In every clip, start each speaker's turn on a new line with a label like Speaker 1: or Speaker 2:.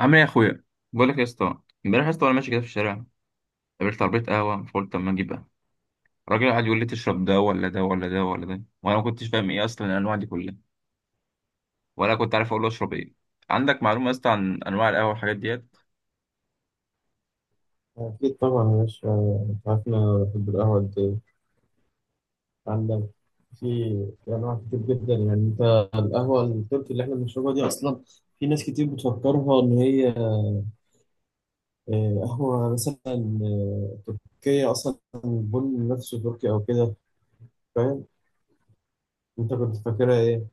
Speaker 1: عامل ايه يا اخويا؟ بقول لك يا اسطى، امبارح يا اسطى وانا ماشي كده في الشارع قابلت عربيه قهوه، فقلت اما اجيب قهوه. الراجل قعد يقول لي تشرب ده ولا ده ولا ده ولا ده، وانا ما كنتش فاهم ايه اصلا الانواع دي كلها، ولا كنت عارف اقول له اشرب ايه. عندك معلومه يا اسطى عن انواع القهوه والحاجات ديت؟
Speaker 2: أكيد طبعا يا باشا. أنت عارف إن أنا بحب القهوة قد إيه. عندك في في أنواع كتير جدا يعني. أنت القهوة التركي اللي إحنا بنشربها دي أصلا، في ناس كتير بتفكرها إن هي قهوة مثلا، تركية أصلا، البن نفسه تركي أو كده، فاهم. أنت كنت فاكرها إيه؟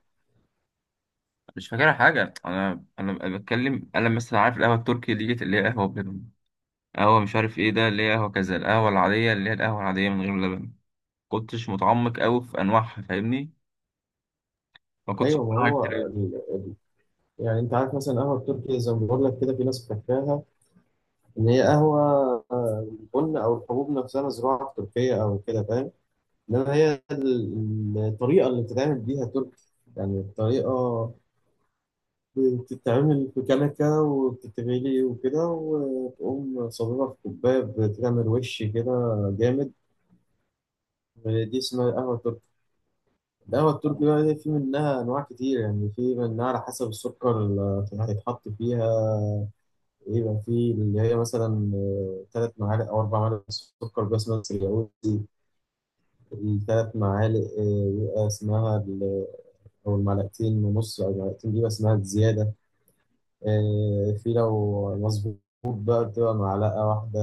Speaker 1: مش فاكرها حاجه، انا بتكلم، انا مثلا عارف القهوه التركي ديت اللي هي قهوه بلبن، قهوه مش عارف ايه ده اللي هي قهوه كذا، القهوه العاديه اللي هي القهوه العاديه من غير لبن. كنتش متعمق قوي في انواعها فاهمني، ما كنتش أعرف
Speaker 2: أيوه، ما
Speaker 1: حاجات
Speaker 2: هو
Speaker 1: كتير
Speaker 2: يعني أنت عارف مثلا القهوة التركي زي ما بقول لك كده، في ناس فاكراها إن هي قهوة، آه، البن أو الحبوب نفسها زراعة في تركيا أو كده، فاهم. انما هي الطريقه اللي بتتعمل بيها تركي. يعني الطريقه بتتعمل في كنكه وبتتغلي وكده، وتقوم صببها في كوبايه بتعمل وش كده جامد. دي اسمها القهوه التركي. القهوه
Speaker 1: قوي.
Speaker 2: التركي بقى دي في منها انواع كتير، يعني في منها على حسب السكر اللي هيتحط فيها. يبقى في اللي هي مثلا 3 معالق او 4 معالق سكر بس، اسمها السرياوي. الثلاث معالق بيبقى اسمها او المعلقتين ونص، او المعلقتين دي بس معلقة زياده. في لو مظبوط بقى بتبقى معلقه واحده.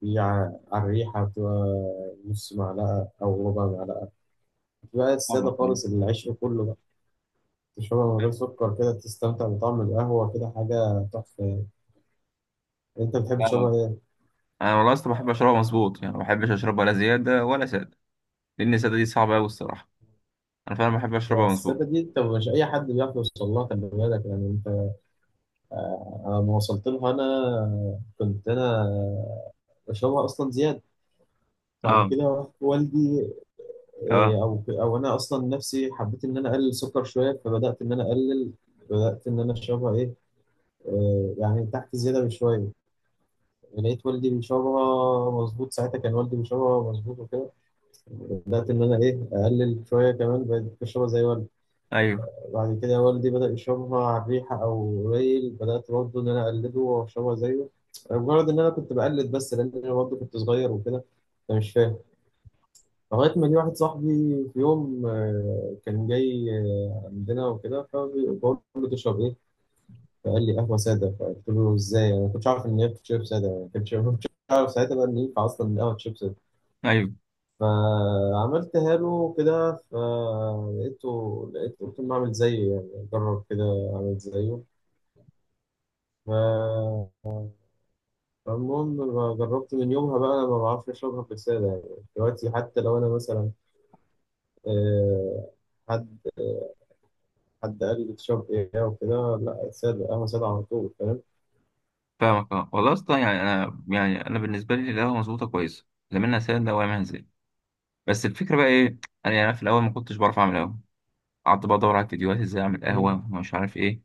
Speaker 2: في على الريحه بتبقى نص معلقه او ربع معلقه. في بقى الساده
Speaker 1: فاهمك فاهمك
Speaker 2: خالص، العيش كله بقى تشربها من غير سكر كده تستمتع بطعم القهوه كده، حاجه تحفه يعني. انت بتحب
Speaker 1: فاهمك.
Speaker 2: تشربها ايه؟
Speaker 1: انا والله اصلا بحب اشربها مظبوط، يعني ما بحبش اشربها لا زياده ولا ساده، لان الساده دي صعبه قوي الصراحه. انا فعلا بحب
Speaker 2: لا،
Speaker 1: اشربها
Speaker 2: الساده
Speaker 1: مظبوط.
Speaker 2: دي انت مش اي حد بيعرف يوصل لها، خلي بالك يعني. انت أنا لما وصلت لها انا كنت انا بشربها اصلا زياده. بعد
Speaker 1: اه.
Speaker 2: كده والدي
Speaker 1: اه.
Speaker 2: إيه، او او انا اصلا نفسي حبيت ان انا اقلل سكر شويه، فبدات ان انا اقلل. بدات ان انا اشربها ايه، يعني تحت زياده بشويه. لقيت والدي بيشربها مظبوط، ساعتها كان والدي بيشربها مظبوط وكده، بدات ان انا اقلل شويه كمان، بقيت بشربها زي والدي.
Speaker 1: ايوه.
Speaker 2: بعد كده والدي بدا يشربها على الريحه او قليل، بدات برضه ان انا اقلده واشربها زيه. مجرد ان انا كنت بقلد بس لان انا برضه كنت صغير وكده، فمش فاهم. لغاية ما جه واحد صاحبي في يوم، كان جاي عندنا وكده، فبقول له تشرب إيه؟ فقال لي قهوة سادة. فقلت له إزاي؟ أنا ما كنتش عارف إن هي بتشرب سادة. يعني ما كنتش عارف ساعتها بقى إن ينفع أصلا إن القهوة تشرب سادة.
Speaker 1: ايوه.
Speaker 2: فعملتها له كده فلقيته قلت له أعمل زيه، يعني أجرب كده، أعمل زيه. ف- فالمهم، جربت من يومها بقى. أنا ما بعرفش أشربها في السادة يعني. دلوقتي حتى لو أنا مثلا، آه، حد حد قال لي تشرب ايه وكده، لا سادة، قهوة سادة على طول، فاهم.
Speaker 1: فاهمك. اه والله اصلا يعني انا، يعني انا بالنسبه لي القهوه مظبوطه كويسه، لا منها ساده ولا منها زيت. بس الفكره بقى ايه، انا يعني في الاول ما كنتش بعرف اعمل قهوه، قعدت بقى ادور على فيديوهات ازاي اعمل قهوه
Speaker 2: مم.
Speaker 1: ومش عارف ايه،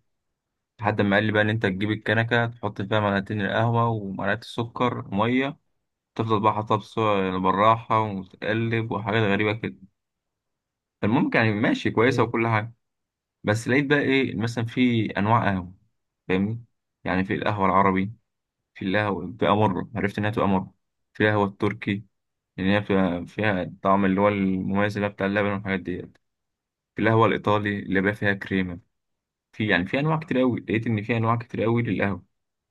Speaker 1: لحد ما قال لي بقى ان انت تجيب الكنكه تحط فيها معلقتين القهوه ومعلقه السكر وميه، تفضل بقى حاطها بالراحه وتقلب وحاجات غريبه كده. المهم يعني ماشي كويسة
Speaker 2: مم.
Speaker 1: وكل حاجة. بس لقيت بقى إيه، مثلا في أنواع قهوة، فاهمني، يعني في القهوة العربي، في القهوة بتبقى مرة، عرفت إنها بتبقى مرة، في القهوة التركي لأن هي بتبقى فيها الطعم اللي هو المميز اللي هو بتاع اللبن والحاجات ديت، في القهوة الإيطالي اللي بقى فيها كريمة. في يعني في أنواع كتير أوي، لقيت إن في أنواع كتير أوي للقهوة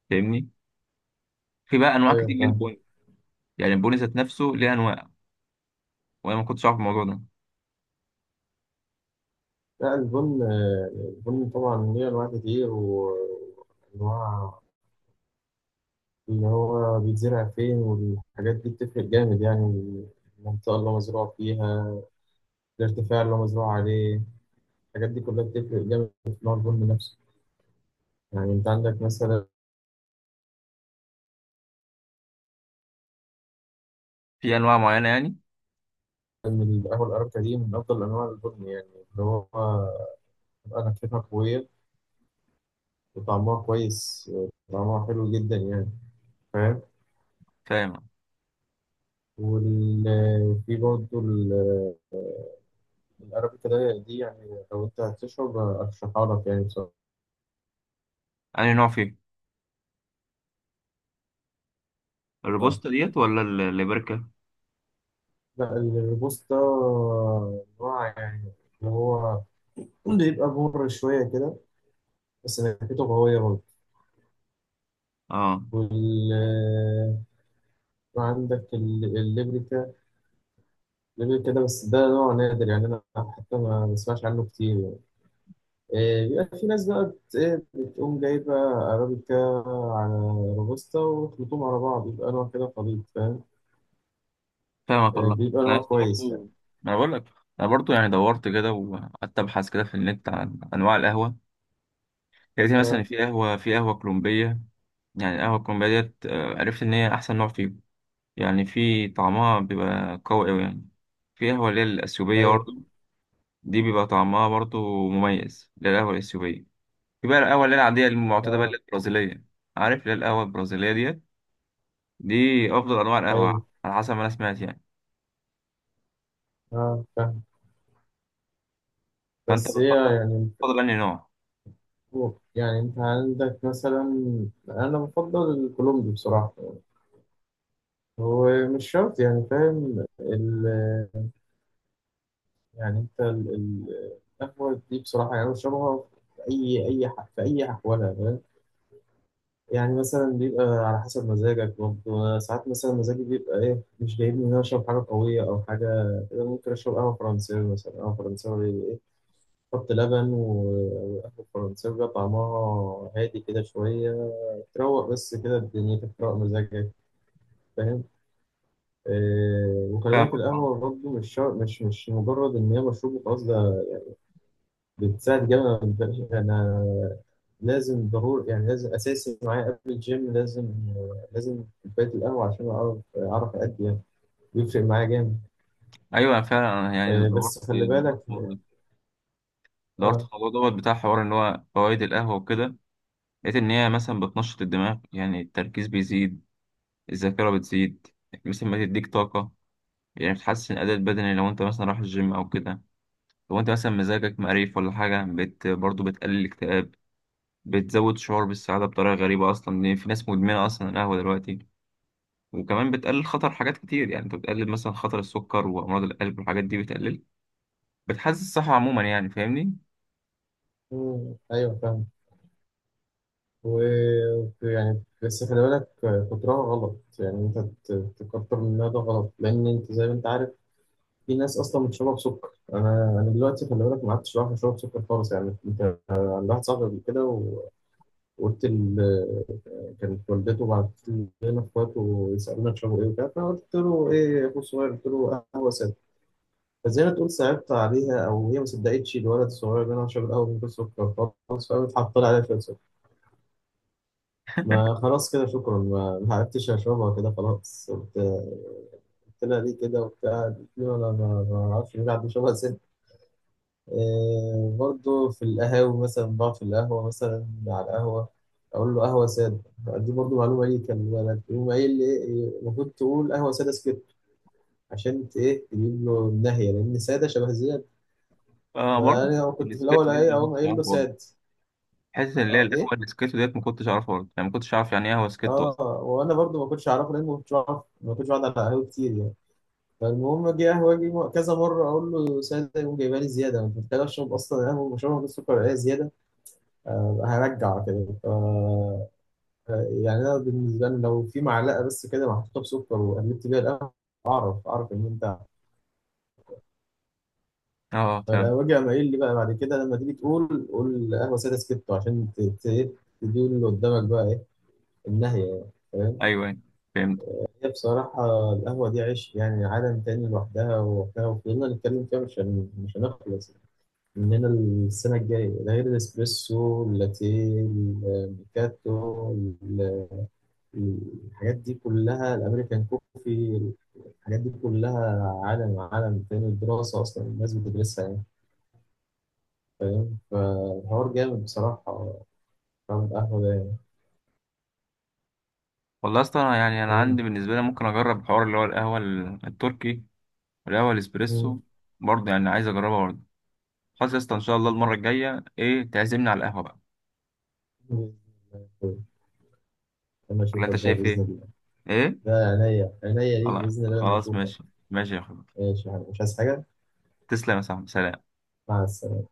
Speaker 1: فاهمني، في بقى أنواع كتير
Speaker 2: ايوه، فاهم.
Speaker 1: للبن. يعني البن ذات نفسه ليه أنواع، وأنا ما كنتش أعرف الموضوع ده،
Speaker 2: لا البن، البن طبعا ليه انواع كتير. وانواع اللي هو بيتزرع فين والحاجات دي بتفرق جامد يعني. المنطقة اللي هو مزروع فيها، الارتفاع اللي هو مزروع عليه، الحاجات دي كلها بتفرق جامد في نوع البن نفسه. يعني انت عندك مثلا
Speaker 1: في أنواع معينة يعني.
Speaker 2: القهوة الأرابيكا، دي من أفضل أنواع البن يعني، اللي هو أنا كتير قوية، طعمها كويس، طعمها حلو جدا يعني، فاهم.
Speaker 1: فاهم.
Speaker 2: وفي برضه الأرابيكا ده دي، يعني لو أنت هتشرب أرشحها لك يعني بصراحة.
Speaker 1: أنا نوع فيه الروبوستا ديت ولا الليبركا؟
Speaker 2: لا الروبوستا، نوع يعني اللي هو بيبقى مر شوية كده، بس نكهته قوية برضه.
Speaker 1: اه.
Speaker 2: وال وعندك الليبريكا. الليبريكا ده بس، ده نوع نادر يعني، أنا حتى ما بسمعش عنه كتير يعني. بيبقى في ناس بقى بت- إيه، بتقوم جايبة أرابيكا على روبوستا وتخلطهم على بعض، يبقى نوع كده خليط، فاهم.
Speaker 1: فاهمك والله.
Speaker 2: بيبقى
Speaker 1: انا
Speaker 2: نوع
Speaker 1: عايز
Speaker 2: كويس يعني.
Speaker 1: برضو، ما انا بقول لك، انا برضو يعني دورت كده وقعدت ابحث كده في النت عن انواع القهوه، يعني زي مثلا
Speaker 2: اه.
Speaker 1: في قهوه، في قهوه كولومبيه، يعني القهوه الكولومبيه ديت عرفت ان هي احسن نوع فيهم، يعني في طعمها بيبقى قوي قوي يعني. في قهوه اللي هي الاثيوبيه
Speaker 2: أي.
Speaker 1: برضو، دي بيبقى طعمها برضو مميز اللي هي القهوه الاثيوبيه. في بقى القهوه اللي هي العاديه المعتاده بقى اللي
Speaker 2: اه.
Speaker 1: هي البرازيليه. عارف اللي هي القهوه البرازيليه ديت، دي افضل انواع
Speaker 2: أي.
Speaker 1: القهوه على حسب ما انا سمعت يعني.
Speaker 2: اه، فاهم.
Speaker 1: فانت
Speaker 2: بس هي
Speaker 1: بتفضل
Speaker 2: يعني
Speaker 1: بتفضل انهي نوع؟
Speaker 2: أنت عندك مثلا، أنا بفضل الكولومبي بصراحة. هو مش شرط يعني فاهم. يعني أنت القهوة دي بصراحة، يعني أنا بشربها في أي أحوالها، فاهم؟ يعني مثلا بيبقى على حسب مزاجك برضه. أنا ساعات مثلا مزاجي بيبقى مش جايبني إن أنا أشرب حاجة قوية أو حاجة كده، ممكن أشرب قهوة فرنساوي مثلا. قهوة فرنساوي حط لبن وقهوة فرنساوي بقى طعمها هادي كده شوية، تروق، بس كده دنيتك تروق مزاجك، فاهم. وخلي بالك
Speaker 1: فاهمك.
Speaker 2: القهوة برضه مش شر- مش مش مجرد إن هي مشروب وخلاص، ده بتساعد جامد. أنا لازم، ضروري يعني، لازم اساسي معايا قبل الجيم، لازم، كوبايه القهوه عشان اعرف، ادي يعني. بيفرق معايا جامد.
Speaker 1: ايوه فعلا. أنا يعني دورت دورت
Speaker 2: بس
Speaker 1: في
Speaker 2: خلي بالك.
Speaker 1: الموضوع ده. دورت
Speaker 2: اه.
Speaker 1: في الموضوع دوت بتاع حوار ان هو فوائد القهوه وكده، لقيت ان هي مثلا بتنشط الدماغ، يعني التركيز بيزيد، الذاكره بتزيد، يعني مثلا بتديك طاقه، يعني بتحسن الاداء البدني لو انت مثلا رايح الجيم او كده، لو انت مثلا مزاجك مقريف ولا حاجه بت برضه بتقلل الاكتئاب، بتزود شعور بالسعاده بطريقه غريبه اصلا، لان في ناس مدمنه اصلا القهوه دلوقتي. وكمان بتقلل خطر حاجات كتير، يعني انت بتقلل مثلا خطر السكر وامراض القلب والحاجات دي بتقلل، بتحسن الصحه عموما يعني فاهمني.
Speaker 2: مم، ايوه، فاهم. و يعني بس خلي بالك، كترها غلط يعني. انت تكتر منها ده غلط، لان انت زي ما انت عارف في ناس اصلا بتشرب سكر. انا دلوقتي خلي بالك ما عدتش بعرف اشرب سكر خالص يعني. انت عند واحد صاحبي قبل كده وقلت، كانت والدته بعتت لنا اخواته ويسالونا تشربوا ايه وكده، فقلت له ايه يا اخو الصغير، قلت له قهوه ساده. فزي ما تقول صعبت عليها او هي ما صدقتش الولد الصغير ده انا بشرب القهوه من غير سكر خالص، فقامت حاطه لي عليها شويه سكر. ما خلاص كده، شكرا، ما عرفتش اشربها كده خلاص. قلت، قلت لها ليه كده وبتاع، قالت لي انا ما اعرفش ليه، عندي شبه. برضه في القهاوي مثلا، بقعد في القهوة مثلا على القهوة أقول له قهوة سادة. دي برضه معلومة ليه كان بالك، يقوم قايل لي المفروض تقول قهوة سادة سكت عشان ت- إيه تجيب له النهية، لأن سادة شبه زياد.
Speaker 1: برضه
Speaker 2: فأنا
Speaker 1: حتة
Speaker 2: كنت في الأول
Speaker 1: السكيتو ديت أنا ما
Speaker 2: أقوم
Speaker 1: كنتش
Speaker 2: قايل
Speaker 1: أعرف
Speaker 2: له
Speaker 1: برضه،
Speaker 2: ساد.
Speaker 1: حتة اللي هي
Speaker 2: أه
Speaker 1: القهوة
Speaker 2: إيه
Speaker 1: السكيتو ديت ما كنتش أعرفها برضه، يعني ما كنتش أعرف يعني إيه قهوة سكيتو أصلا.
Speaker 2: أه، وأنا برضه ما كنتش أعرفه، لأن ما كنتش بعرف، ما كنتش بقعد على قهوة كتير يعني. فالمهم، أجي قهوة، أجي كذا مرة أقول له سادة يقوم جايبها لي زيادة. أنا كنت محتاج أشرب أصلا قهوة بشربها بالسكر زيادة. هرجع كده. يعني انا بالنسبه لي لو في معلقه بس كده محطوطه بسكر وقلبت بيها القهوه، اعرف، ان انت
Speaker 1: أه فاهم.
Speaker 2: وجع. ما ايه اللي بقى بعد كده لما تيجي تقول، قول قهوه ساده سكتو عشان تدي اللي قدامك بقى ايه النهيه، يعني فاهم.
Speaker 1: أيوه أيوه فهمت.
Speaker 2: هي بصراحه القهوه دي عيش، يعني عالم تاني لوحدها ووحدها، وفضلنا نتكلم فيها مش هنخلص من هنا السنه الجايه. ده غير الاسبريسو، اللاتيه، الميكاتو، الحاجات دي كلها، الامريكان كوفي، الحاجات دي كلها عالم عالم تاني. الدراسة أصلا الناس بتدرسها يعني، فاهم. فالحوار جامد بصراحة، فاهم القهوة ده يعني.
Speaker 1: والله أصلا أنا يعني أنا عندي
Speaker 2: وإنت-
Speaker 1: بالنسبة لي ممكن أجرب الحوار اللي هو القهوة التركي والقهوة الإسبريسو برضه، يعني عايز أجربها برضه. خلاص يا اسطى، إن شاء الله المرة الجاية إيه تعزمني على القهوة بقى،
Speaker 2: مم. لما
Speaker 1: ولا
Speaker 2: أشوفك
Speaker 1: أنت
Speaker 2: بقى
Speaker 1: شايف
Speaker 2: بإذن
Speaker 1: إيه؟
Speaker 2: الله.
Speaker 1: إيه؟
Speaker 2: ده عينيا عينيا ليك
Speaker 1: خلاص
Speaker 2: بإذن الله لما
Speaker 1: خلاص
Speaker 2: أشوفك.
Speaker 1: ماشي. ماشي يا أخويا،
Speaker 2: ماشي يا حبيبي. مش عايز حاجة.
Speaker 1: تسلم يا صاحبي، سلام.
Speaker 2: مع السلامة.